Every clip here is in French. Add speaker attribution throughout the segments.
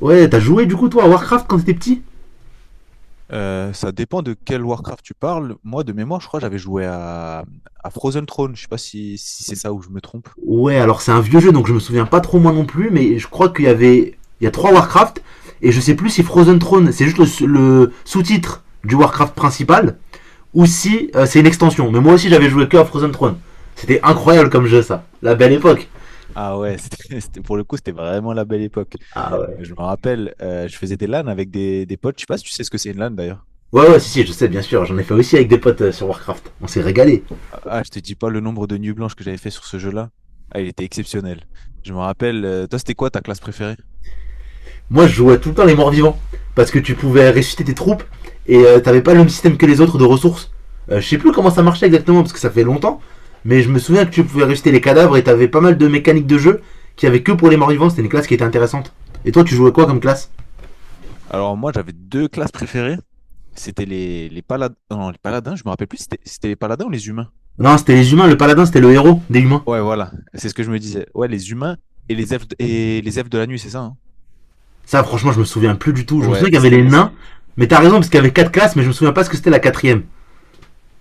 Speaker 1: Ouais, t'as joué du coup toi à Warcraft quand t'étais petit?
Speaker 2: Ça dépend de quel Warcraft tu parles. Moi, de mémoire, je crois que j'avais joué à Frozen Throne. Je sais pas si c'est ça ou je me trompe.
Speaker 1: Ouais, alors c'est un vieux jeu donc je me souviens pas trop moi non plus, mais je crois qu'il y avait. Il y a trois Warcraft et je sais plus si Frozen Throne c'est juste le sous-titre du Warcraft principal ou si c'est une extension. Mais moi aussi j'avais joué que à Frozen Throne. C'était incroyable comme jeu ça. La belle époque.
Speaker 2: Ah ouais, pour le coup, c'était vraiment la belle époque.
Speaker 1: Ah ouais.
Speaker 2: Je me rappelle, je faisais des LAN avec des potes. Je sais pas si tu sais ce que c'est une LAN d'ailleurs.
Speaker 1: Ouais, ouais, si, si, je sais, bien sûr. J'en ai fait aussi avec des potes sur Warcraft. On s'est régalé.
Speaker 2: Ah, ah, je te dis pas le nombre de nuits blanches que j'avais fait sur ce jeu-là. Ah, il était exceptionnel. Je me rappelle, toi, c'était quoi ta classe préférée?
Speaker 1: Moi, je jouais tout le temps les morts vivants. Parce que tu pouvais ressusciter tes troupes et t'avais pas le même système que les autres de ressources. Je sais plus comment ça marchait exactement parce que ça fait longtemps. Mais je me souviens que tu pouvais ressusciter les cadavres et t'avais pas mal de mécaniques de jeu qui avaient que pour les morts vivants. C'était une classe qui était intéressante. Et toi, tu jouais quoi comme classe?
Speaker 2: Alors moi, j'avais deux classes préférées. C'était les paladins. Non, les paladins, je me rappelle plus. C'était les paladins ou les humains?
Speaker 1: Non, c'était les humains. Le paladin, c'était le héros des humains.
Speaker 2: Ouais, voilà, c'est ce que je me disais. Ouais, les humains et les elfes de la nuit, c'est ça, hein?
Speaker 1: Ça, franchement, je me souviens plus du tout. Je me souviens
Speaker 2: Ouais,
Speaker 1: qu'il y avait
Speaker 2: c'était,
Speaker 1: les
Speaker 2: les- c'est-
Speaker 1: nains. Mais t'as raison parce qu'il y avait quatre classes, mais je me souviens pas ce que c'était la quatrième.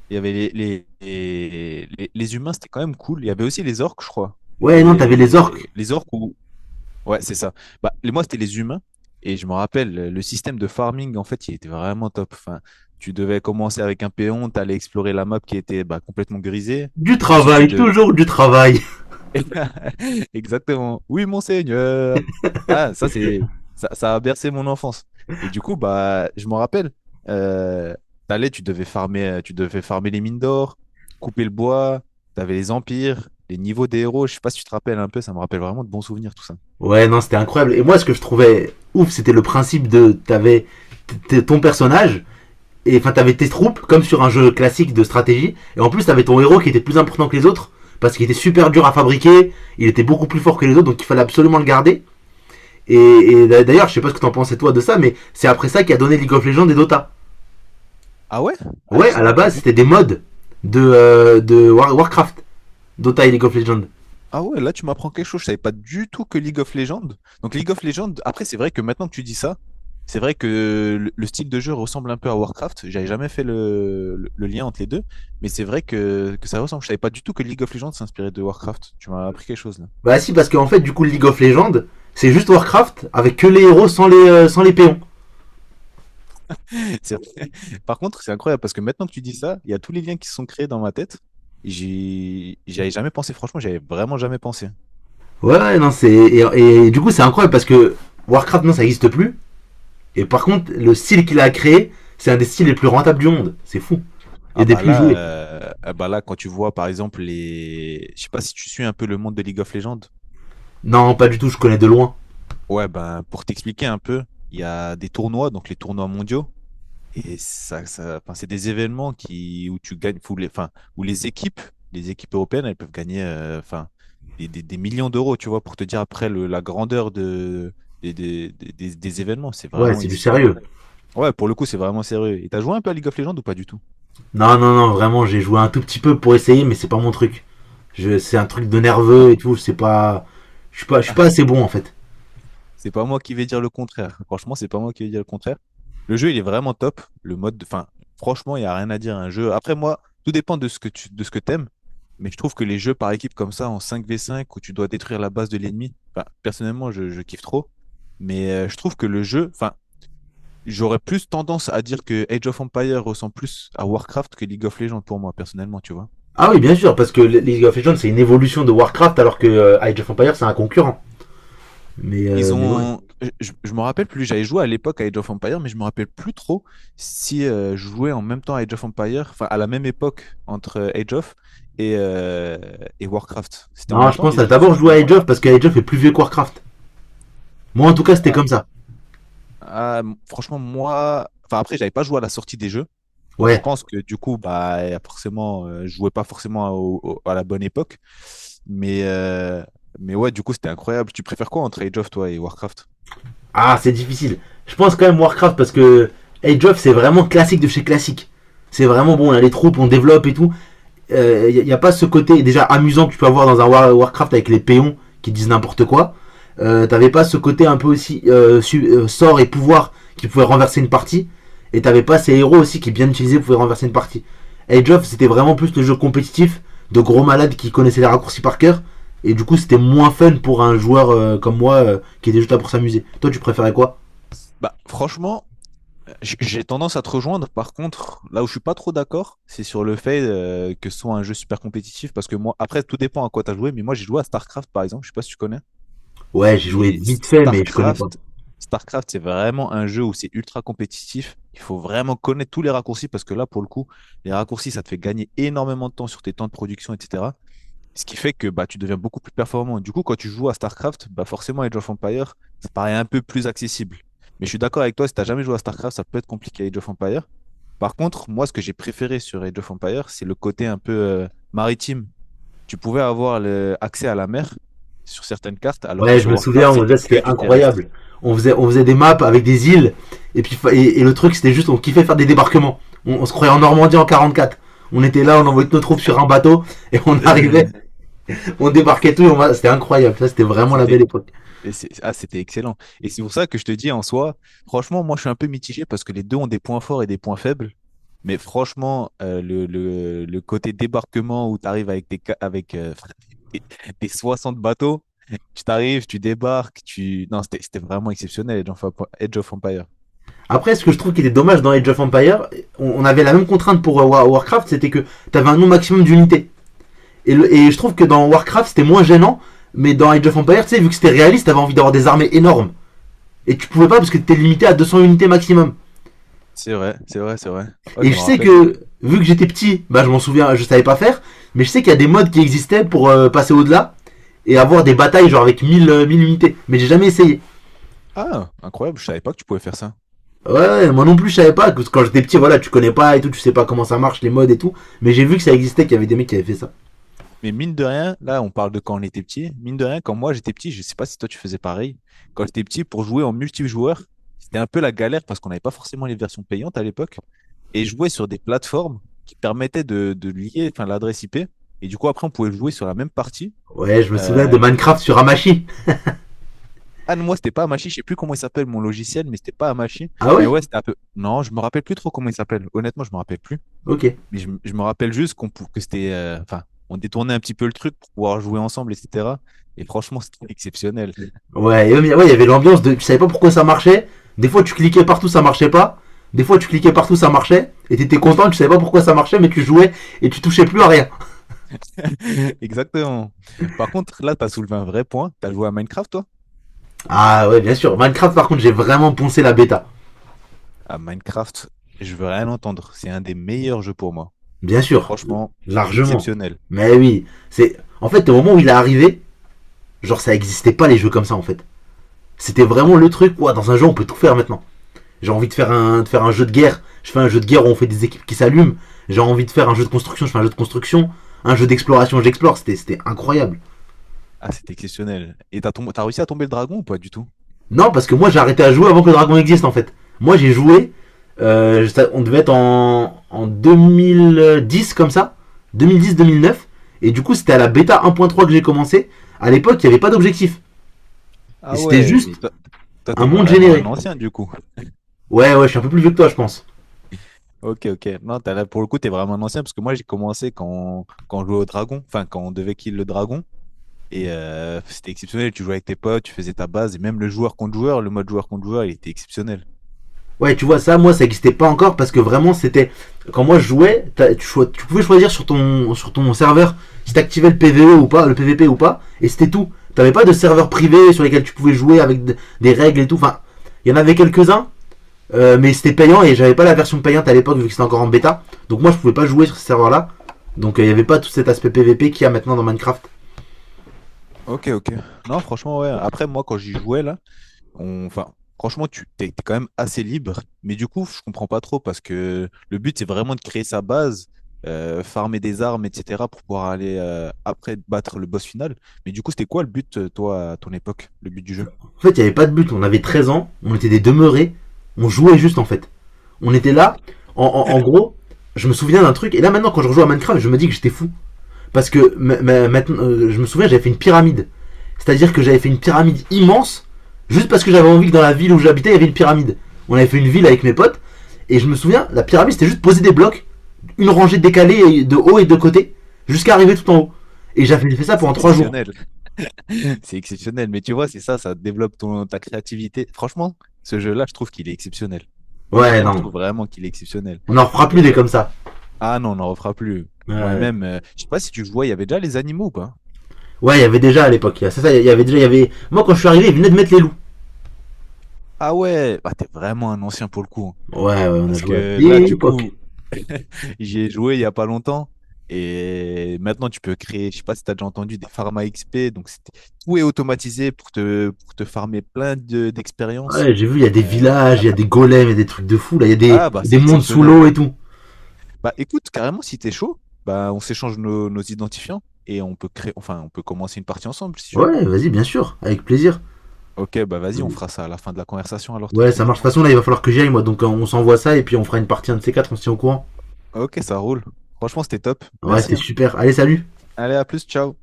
Speaker 2: il y avait les humains, c'était quand même cool. Il y avait aussi les orques, je crois.
Speaker 1: Ouais, non, t'avais les
Speaker 2: Les,
Speaker 1: orques.
Speaker 2: les orques ou... Ouais, c'est ça. Bah, moi, c'était les humains. Et je me rappelle, le système de farming, en fait, il était vraiment top. Enfin, tu devais commencer avec un péon, t'allais explorer la map qui était bah, complètement grisée.
Speaker 1: Du
Speaker 2: Ensuite, tu
Speaker 1: travail,
Speaker 2: devais
Speaker 1: toujours du travail.
Speaker 2: exactement. Oui, monseigneur. Ah, ça, c'est, ça a bercé mon enfance. Et du coup, bah, je m'en rappelle, euh, t'allais, tu devais farmer les mines d'or, couper le bois, t'avais les empires, les niveaux des héros. Je sais pas si tu te rappelles un peu, ça me rappelle vraiment de bons souvenirs, tout ça.
Speaker 1: Ouais, non, c'était incroyable. Et moi, ce que je trouvais ouf, c'était le principe de t'avais ton personnage et enfin t'avais tes troupes comme sur un jeu classique de stratégie. Et en plus, t'avais ton héros qui était plus important que les autres parce qu'il était super dur à fabriquer. Il était beaucoup plus fort que les autres, donc il fallait absolument le garder. Et, et d'ailleurs, je sais pas ce que t'en pensais toi de ça, mais c'est après ça qui a donné League of Legends et Dota.
Speaker 2: Ah ouais? Ah,
Speaker 1: Ouais,
Speaker 2: je
Speaker 1: à la
Speaker 2: savais pas
Speaker 1: base,
Speaker 2: du
Speaker 1: c'était des
Speaker 2: tout.
Speaker 1: mods de Warcraft, Dota et League of Legends.
Speaker 2: Ah ouais, là tu m'apprends quelque chose, je savais pas du tout que League of Legends. Donc League of Legends, après c'est vrai que maintenant que tu dis ça, c'est vrai que le style de jeu ressemble un peu à Warcraft. J'avais jamais fait le lien entre les deux, mais c'est vrai que ça ressemble. Je savais pas du tout que League of Legends s'inspirait de Warcraft. Tu m'as appris quelque chose là.
Speaker 1: Bah si, parce qu'en fait, du coup, League of Legends, c'est juste Warcraft avec que les héros sans les sans les péons.
Speaker 2: C'est- Par contre, c'est incroyable parce que maintenant que tu dis ça, il y a tous les liens qui se sont créés dans ma tête. J'y avais jamais pensé, franchement, j'avais vraiment jamais pensé.
Speaker 1: Ouais, non, c'est. Et du coup, c'est incroyable parce que Warcraft, non, ça n'existe plus. Et par contre, le style qu'il a créé, c'est un des styles les plus rentables du monde. C'est fou. Et
Speaker 2: Ah
Speaker 1: des
Speaker 2: bah
Speaker 1: plus
Speaker 2: là,
Speaker 1: joués.
Speaker 2: euh, ah bah là, quand tu vois par exemple les, je sais pas si tu suis un peu le monde de League of Legends.
Speaker 1: Non, pas du tout, je connais de loin.
Speaker 2: Ouais, ben, pour t'expliquer un peu, il y a des tournois, donc les tournois mondiaux, et enfin, c'est des événements qui, où tu gagnes, où les, enfin, où les équipes européennes, elles peuvent gagner, enfin, des millions d'euros, tu vois, pour te dire après la grandeur de, des événements, c'est
Speaker 1: Ouais,
Speaker 2: vraiment
Speaker 1: c'est du sérieux.
Speaker 2: exceptionnel. Ouais, pour le coup, c'est vraiment sérieux. Et t'as joué un peu à League of Legends ou pas du tout?
Speaker 1: Non, non, non, vraiment, j'ai joué un tout petit peu pour essayer, mais c'est pas mon truc. Je, c'est un truc de nerveux et tout, c'est pas. Je suis pas assez bon en fait.
Speaker 2: C'est pas moi qui vais dire le contraire. Franchement, c'est pas moi qui vais dire le contraire. Le jeu, il est vraiment top. Enfin, franchement, il n'y a rien à dire. Un jeu. Après, moi, tout dépend de ce que t'aimes. Mais je trouve que les jeux par équipe comme ça, en cinq v cinq, où tu dois détruire la base de l'ennemi, enfin, personnellement, je kiffe trop. Mais je trouve que le jeu, enfin, j'aurais plus tendance à dire que Age of Empires ressemble plus à Warcraft que League of Legends pour moi, personnellement, tu vois.
Speaker 1: Ah oui, bien sûr, parce que League of Legends, c'est une évolution de Warcraft, alors que Age of Empires, c'est un concurrent.
Speaker 2: Ils
Speaker 1: Mais ouais.
Speaker 2: ont, je me rappelle plus, j'avais joué à l'époque à Age of Empires, mais je me rappelle plus trop si je jouais en même temps à Age of Empires, enfin à la même époque entre Age of et, euh, et Warcraft. C'était en
Speaker 1: Non,
Speaker 2: même
Speaker 1: je
Speaker 2: temps,
Speaker 1: pense
Speaker 2: les
Speaker 1: à
Speaker 2: jeux c'était
Speaker 1: d'abord
Speaker 2: en
Speaker 1: jouer à
Speaker 2: même
Speaker 1: Age
Speaker 2: temps.
Speaker 1: of, parce que Age of est plus vieux que Warcraft. Moi, en tout cas, c'était
Speaker 2: Ah,
Speaker 1: comme ça.
Speaker 2: Franchement, moi, enfin après, j'avais pas joué à la sortie des jeux. Donc je
Speaker 1: Ouais.
Speaker 2: pense que du coup, bah, forcément, je jouais pas forcément à la bonne époque. Mais, euh, mais ouais, du coup, c'était incroyable. Tu préfères quoi entre Age of, toi, et Warcraft?
Speaker 1: Ah, c'est difficile. Je pense quand même Warcraft parce que Age of, c'est vraiment classique de chez classique. C'est vraiment bon, là, les troupes, on développe et tout. Il n'y a pas ce côté déjà amusant que tu peux avoir dans un Warcraft avec les péons qui disent n'importe quoi. T'avais pas ce côté un peu aussi sort et pouvoir qui pouvait renverser une partie. Et t'avais pas ces héros aussi qui bien utilisés pouvaient renverser une partie. Age of c'était vraiment plus le jeu compétitif de gros malades qui connaissaient les raccourcis par cœur. Et du coup c'était moins fun pour un joueur comme moi qui était juste là pour s'amuser. Toi tu préférais quoi?
Speaker 2: Bah, franchement, j'ai tendance à te rejoindre. Par contre, là où je suis pas trop d'accord, c'est sur le fait que ce soit un jeu super compétitif. Parce que moi, après, tout dépend à quoi tu as joué. Mais moi, j'ai joué à StarCraft, par exemple. Je sais pas si tu connais.
Speaker 1: Ouais j'ai
Speaker 2: Mais
Speaker 1: joué vite fait mais je connais pas.
Speaker 2: StarCraft, c'est vraiment un jeu où c'est ultra compétitif. Il faut vraiment connaître tous les raccourcis parce que là, pour le coup, les raccourcis, ça te fait gagner énormément de temps sur tes temps de production, etc. Ce qui fait que bah, tu deviens beaucoup plus performant. Du coup, quand tu joues à StarCraft, bah, forcément, Age of Empires, ça paraît un peu plus accessible. Mais je suis d'accord avec toi, si t'as jamais joué à StarCraft, ça peut être compliqué à Age of Empires. Par contre, moi, ce que j'ai préféré sur Age of Empires, c'est le côté un peu maritime, tu pouvais avoir accès à la mer sur certaines cartes, alors que
Speaker 1: Ouais, je
Speaker 2: sur
Speaker 1: me souviens,
Speaker 2: Warcraft, c'était que
Speaker 1: c'était
Speaker 2: du terrestre.
Speaker 1: incroyable. On faisait des maps avec des îles, et puis et le truc, c'était juste, on kiffait faire des débarquements. On se croyait en Normandie en 44. On était là, on envoyait toutes nos troupes sur un bateau, et on arrivait, on débarquait tout, c'était incroyable. Ça, c'était vraiment la belle
Speaker 2: C'était
Speaker 1: époque.
Speaker 2: Ah, c'était excellent. Et c'est pour ça que je te dis en soi, franchement, moi je suis un peu mitigé parce que les deux ont des points forts et des points faibles. Mais franchement, le côté débarquement où tu arrives avec, avec des, des 60 bateaux, tu débarques, tu... Non, c'était vraiment exceptionnel, Age of Empire.
Speaker 1: Après, ce que je trouve qui était dommage dans Age of Empire, on avait la même contrainte pour Warcraft, c'était que t'avais un nombre maximum d'unités. Et je trouve que dans Warcraft, c'était moins gênant, mais dans Age of Empire, tu sais, vu que c'était réaliste, t'avais envie d'avoir des armées énormes. Et tu pouvais pas parce que t'étais limité à 200 unités maximum.
Speaker 2: C'est vrai, c'est vrai. Ouais,
Speaker 1: Et
Speaker 2: je
Speaker 1: je
Speaker 2: me
Speaker 1: sais
Speaker 2: rappelle.
Speaker 1: que, vu que j'étais petit, bah, je m'en souviens, je savais pas faire. Mais je sais qu'il y a des modes qui existaient pour passer au-delà et avoir des batailles genre avec 1000 unités. Mais j'ai jamais essayé.
Speaker 2: Ah, incroyable, je savais pas que tu pouvais faire ça.
Speaker 1: Ouais, ouais, ouais, moi non plus, je savais pas. Parce que quand j'étais petit, voilà, tu connais pas et tout, tu sais pas comment ça marche, les modes et tout. Mais j'ai vu que ça existait, qu'il y avait des mecs qui avaient fait ça.
Speaker 2: Mais mine de rien, là, on parle de quand on était petit. Mine de rien, quand moi j'étais petit, je sais pas si toi tu faisais pareil. Quand j'étais petit, pour jouer en multijoueur, c'était un peu la galère parce qu'on n'avait pas forcément les versions payantes à l'époque. Et jouer sur des plateformes qui permettaient de lier enfin, l'adresse IP. Et du coup, après, on pouvait jouer sur la même partie.
Speaker 1: Ouais, je me souviens de
Speaker 2: Euh,
Speaker 1: Minecraft sur Hamachi.
Speaker 2: ah non, moi, c'était pas Amachi. Je sais plus comment il s'appelle mon logiciel, mais c'était pas Amachi.
Speaker 1: Ah
Speaker 2: Mais
Speaker 1: ouais.
Speaker 2: ouais, c'était un peu. Non, je me rappelle plus trop comment il s'appelle. Honnêtement, je me rappelle plus.
Speaker 1: Ok.
Speaker 2: Mais je me rappelle juste que c'était, enfin, on détournait un petit peu le truc pour pouvoir jouer ensemble, etc. Et franchement, c'était exceptionnel.
Speaker 1: Ouais, et, ouais, il y avait l'ambiance de. Tu savais pas pourquoi ça marchait. Des fois, tu cliquais partout, ça marchait pas. Des fois, tu cliquais partout, ça marchait. Et t'étais content, tu savais pas pourquoi ça marchait, mais tu jouais et tu touchais plus à rien.
Speaker 2: Exactement. Par contre, là, tu as soulevé un vrai point. Tu as joué à Minecraft, toi?
Speaker 1: Ah ouais, bien sûr. Minecraft, par contre, j'ai vraiment poncé la bêta.
Speaker 2: À Minecraft, je veux rien entendre. C'est un des meilleurs jeux pour moi.
Speaker 1: Bien sûr.
Speaker 2: Franchement,
Speaker 1: Largement.
Speaker 2: exceptionnel.
Speaker 1: Mais oui, c'est... En fait, au moment où il est arrivé, genre, ça existait pas les jeux comme ça, en fait. C'était
Speaker 2: Ah,
Speaker 1: vraiment le truc, quoi. Dans un jeu, on peut tout faire maintenant. J'ai envie de faire un jeu de guerre. Je fais un jeu de guerre où on fait des équipes qui s'allument. J'ai envie de faire un jeu de construction. Je fais un jeu de construction. Un jeu d'exploration, j'explore. C'était incroyable.
Speaker 2: c'était exceptionnel. Et t'as tombé, t'as réussi à tomber le dragon ou pas du tout?
Speaker 1: Non, parce que moi j'ai arrêté à jouer avant que le dragon existe en fait. Moi j'ai joué, on devait être en 2010 comme ça, 2010-2009, et du coup c'était à la bêta 1.3 que j'ai commencé. À l'époque il n'y avait pas d'objectif, et
Speaker 2: Ah
Speaker 1: c'était
Speaker 2: ouais, mais
Speaker 1: juste
Speaker 2: toi,
Speaker 1: un
Speaker 2: t'es
Speaker 1: monde
Speaker 2: vraiment
Speaker 1: généré.
Speaker 2: un ancien du coup.
Speaker 1: Ouais, ouais, je suis un peu plus vieux que toi je pense.
Speaker 2: Ok, ok. Non, t'as là, pour le coup, t'es vraiment un ancien parce que moi, j'ai commencé quand on jouait au dragon, enfin, quand on devait kill le dragon. Et c'était exceptionnel, tu jouais avec tes potes, tu faisais ta base, et même le joueur contre joueur, le mode joueur contre joueur, il était exceptionnel.
Speaker 1: Ouais, tu vois, ça, moi, ça n'existait pas encore parce que vraiment, c'était. Quand moi, je jouais, tu pouvais choisir sur ton serveur si t'activais le PVE ou pas, le PVP ou pas, et c'était tout. T'avais pas de serveur privé sur lesquels tu pouvais jouer avec des règles et tout. Enfin, il y en avait quelques-uns, mais c'était payant et j'avais pas la version payante à l'époque vu que c'était encore en bêta. Donc moi, je pouvais pas jouer sur ce serveur-là. Donc il y avait pas tout cet aspect PVP qu'il y a maintenant dans Minecraft.
Speaker 2: Ok, ok. Non, franchement, ouais. Après, moi, quand j'y jouais, là, on... enfin, franchement, tu t'es quand même assez libre. Mais du coup, je comprends pas trop parce que le but, c'est vraiment de créer sa base, farmer des armes, etc., pour pouvoir aller après battre le boss final. Mais du coup, c'était quoi le but, toi, à ton époque, le but du jeu?
Speaker 1: En fait, il y avait pas de but. On avait 13 ans, on était des demeurés, on jouait juste en fait. On était là, en gros, je me souviens d'un truc, et là maintenant quand je rejoue à Minecraft, je me dis que j'étais fou. Parce que maintenant, je me souviens, j'avais fait une pyramide. C'est-à-dire que j'avais fait une pyramide immense, juste parce que j'avais envie que dans la ville où j'habitais, il y avait une pyramide. On avait fait une ville avec mes potes, et je me souviens, la pyramide c'était juste poser des blocs, une rangée décalée de haut et de côté, jusqu'à arriver tout en haut. Et j'avais fait ça
Speaker 2: C'est
Speaker 1: pendant trois jours.
Speaker 2: exceptionnel. C'est exceptionnel. Mais tu vois, c'est ça, ça développe ta créativité. Franchement, ce jeu-là, je trouve qu'il est exceptionnel.
Speaker 1: Ouais,
Speaker 2: Honnêtement, je
Speaker 1: non,
Speaker 2: trouve vraiment qu'il est exceptionnel.
Speaker 1: on n'en fera plus des
Speaker 2: Et,
Speaker 1: comme ça.
Speaker 2: ah non, on n'en refera plus.
Speaker 1: Euh,
Speaker 2: Moi-même, je sais pas si tu jouais, il y avait déjà les animaux ou pas?
Speaker 1: ouais, il y avait déjà à l'époque, il y avait... Moi quand je suis arrivé, ils venaient de mettre les loups.
Speaker 2: Ah ouais, bah, t'es vraiment un ancien pour le coup, hein.
Speaker 1: Ouais, ouais, on a
Speaker 2: Parce
Speaker 1: joué à
Speaker 2: que là,
Speaker 1: des
Speaker 2: du
Speaker 1: époques.
Speaker 2: coup, j'y ai joué il y a pas longtemps. Et maintenant, tu peux créer, je sais pas si tu as déjà entendu, des pharma XP. Donc, tout est automatisé pour pour te farmer plein d'expériences.
Speaker 1: Ouais, j'ai vu, il y a des
Speaker 2: Euh,
Speaker 1: villages,
Speaker 2: ah
Speaker 1: il y a des golems, il y a des trucs de fou, là, il y a
Speaker 2: ah, bah,
Speaker 1: des
Speaker 2: c'est
Speaker 1: mondes sous
Speaker 2: exceptionnel.
Speaker 1: l'eau et tout.
Speaker 2: Bah écoute, carrément, si t'es chaud, bah on s'échange nos identifiants et on peut créer, enfin on peut commencer une partie ensemble si tu veux.
Speaker 1: Ouais, vas-y, bien sûr, avec plaisir.
Speaker 2: Ok, bah vas-y, on fera ça à la fin de la conversation alors
Speaker 1: Ouais, ça
Speaker 2: tranquillement.
Speaker 1: marche. De toute façon, là, il va falloir que j'y aille, moi, donc on s'envoie ça et puis on fera une partie un de ces quatre, on se tient au courant.
Speaker 2: Ok, ça roule. Franchement, c'était top.
Speaker 1: Ouais,
Speaker 2: Merci,
Speaker 1: c'était
Speaker 2: hein.
Speaker 1: super. Allez, salut!
Speaker 2: Allez, à plus, ciao.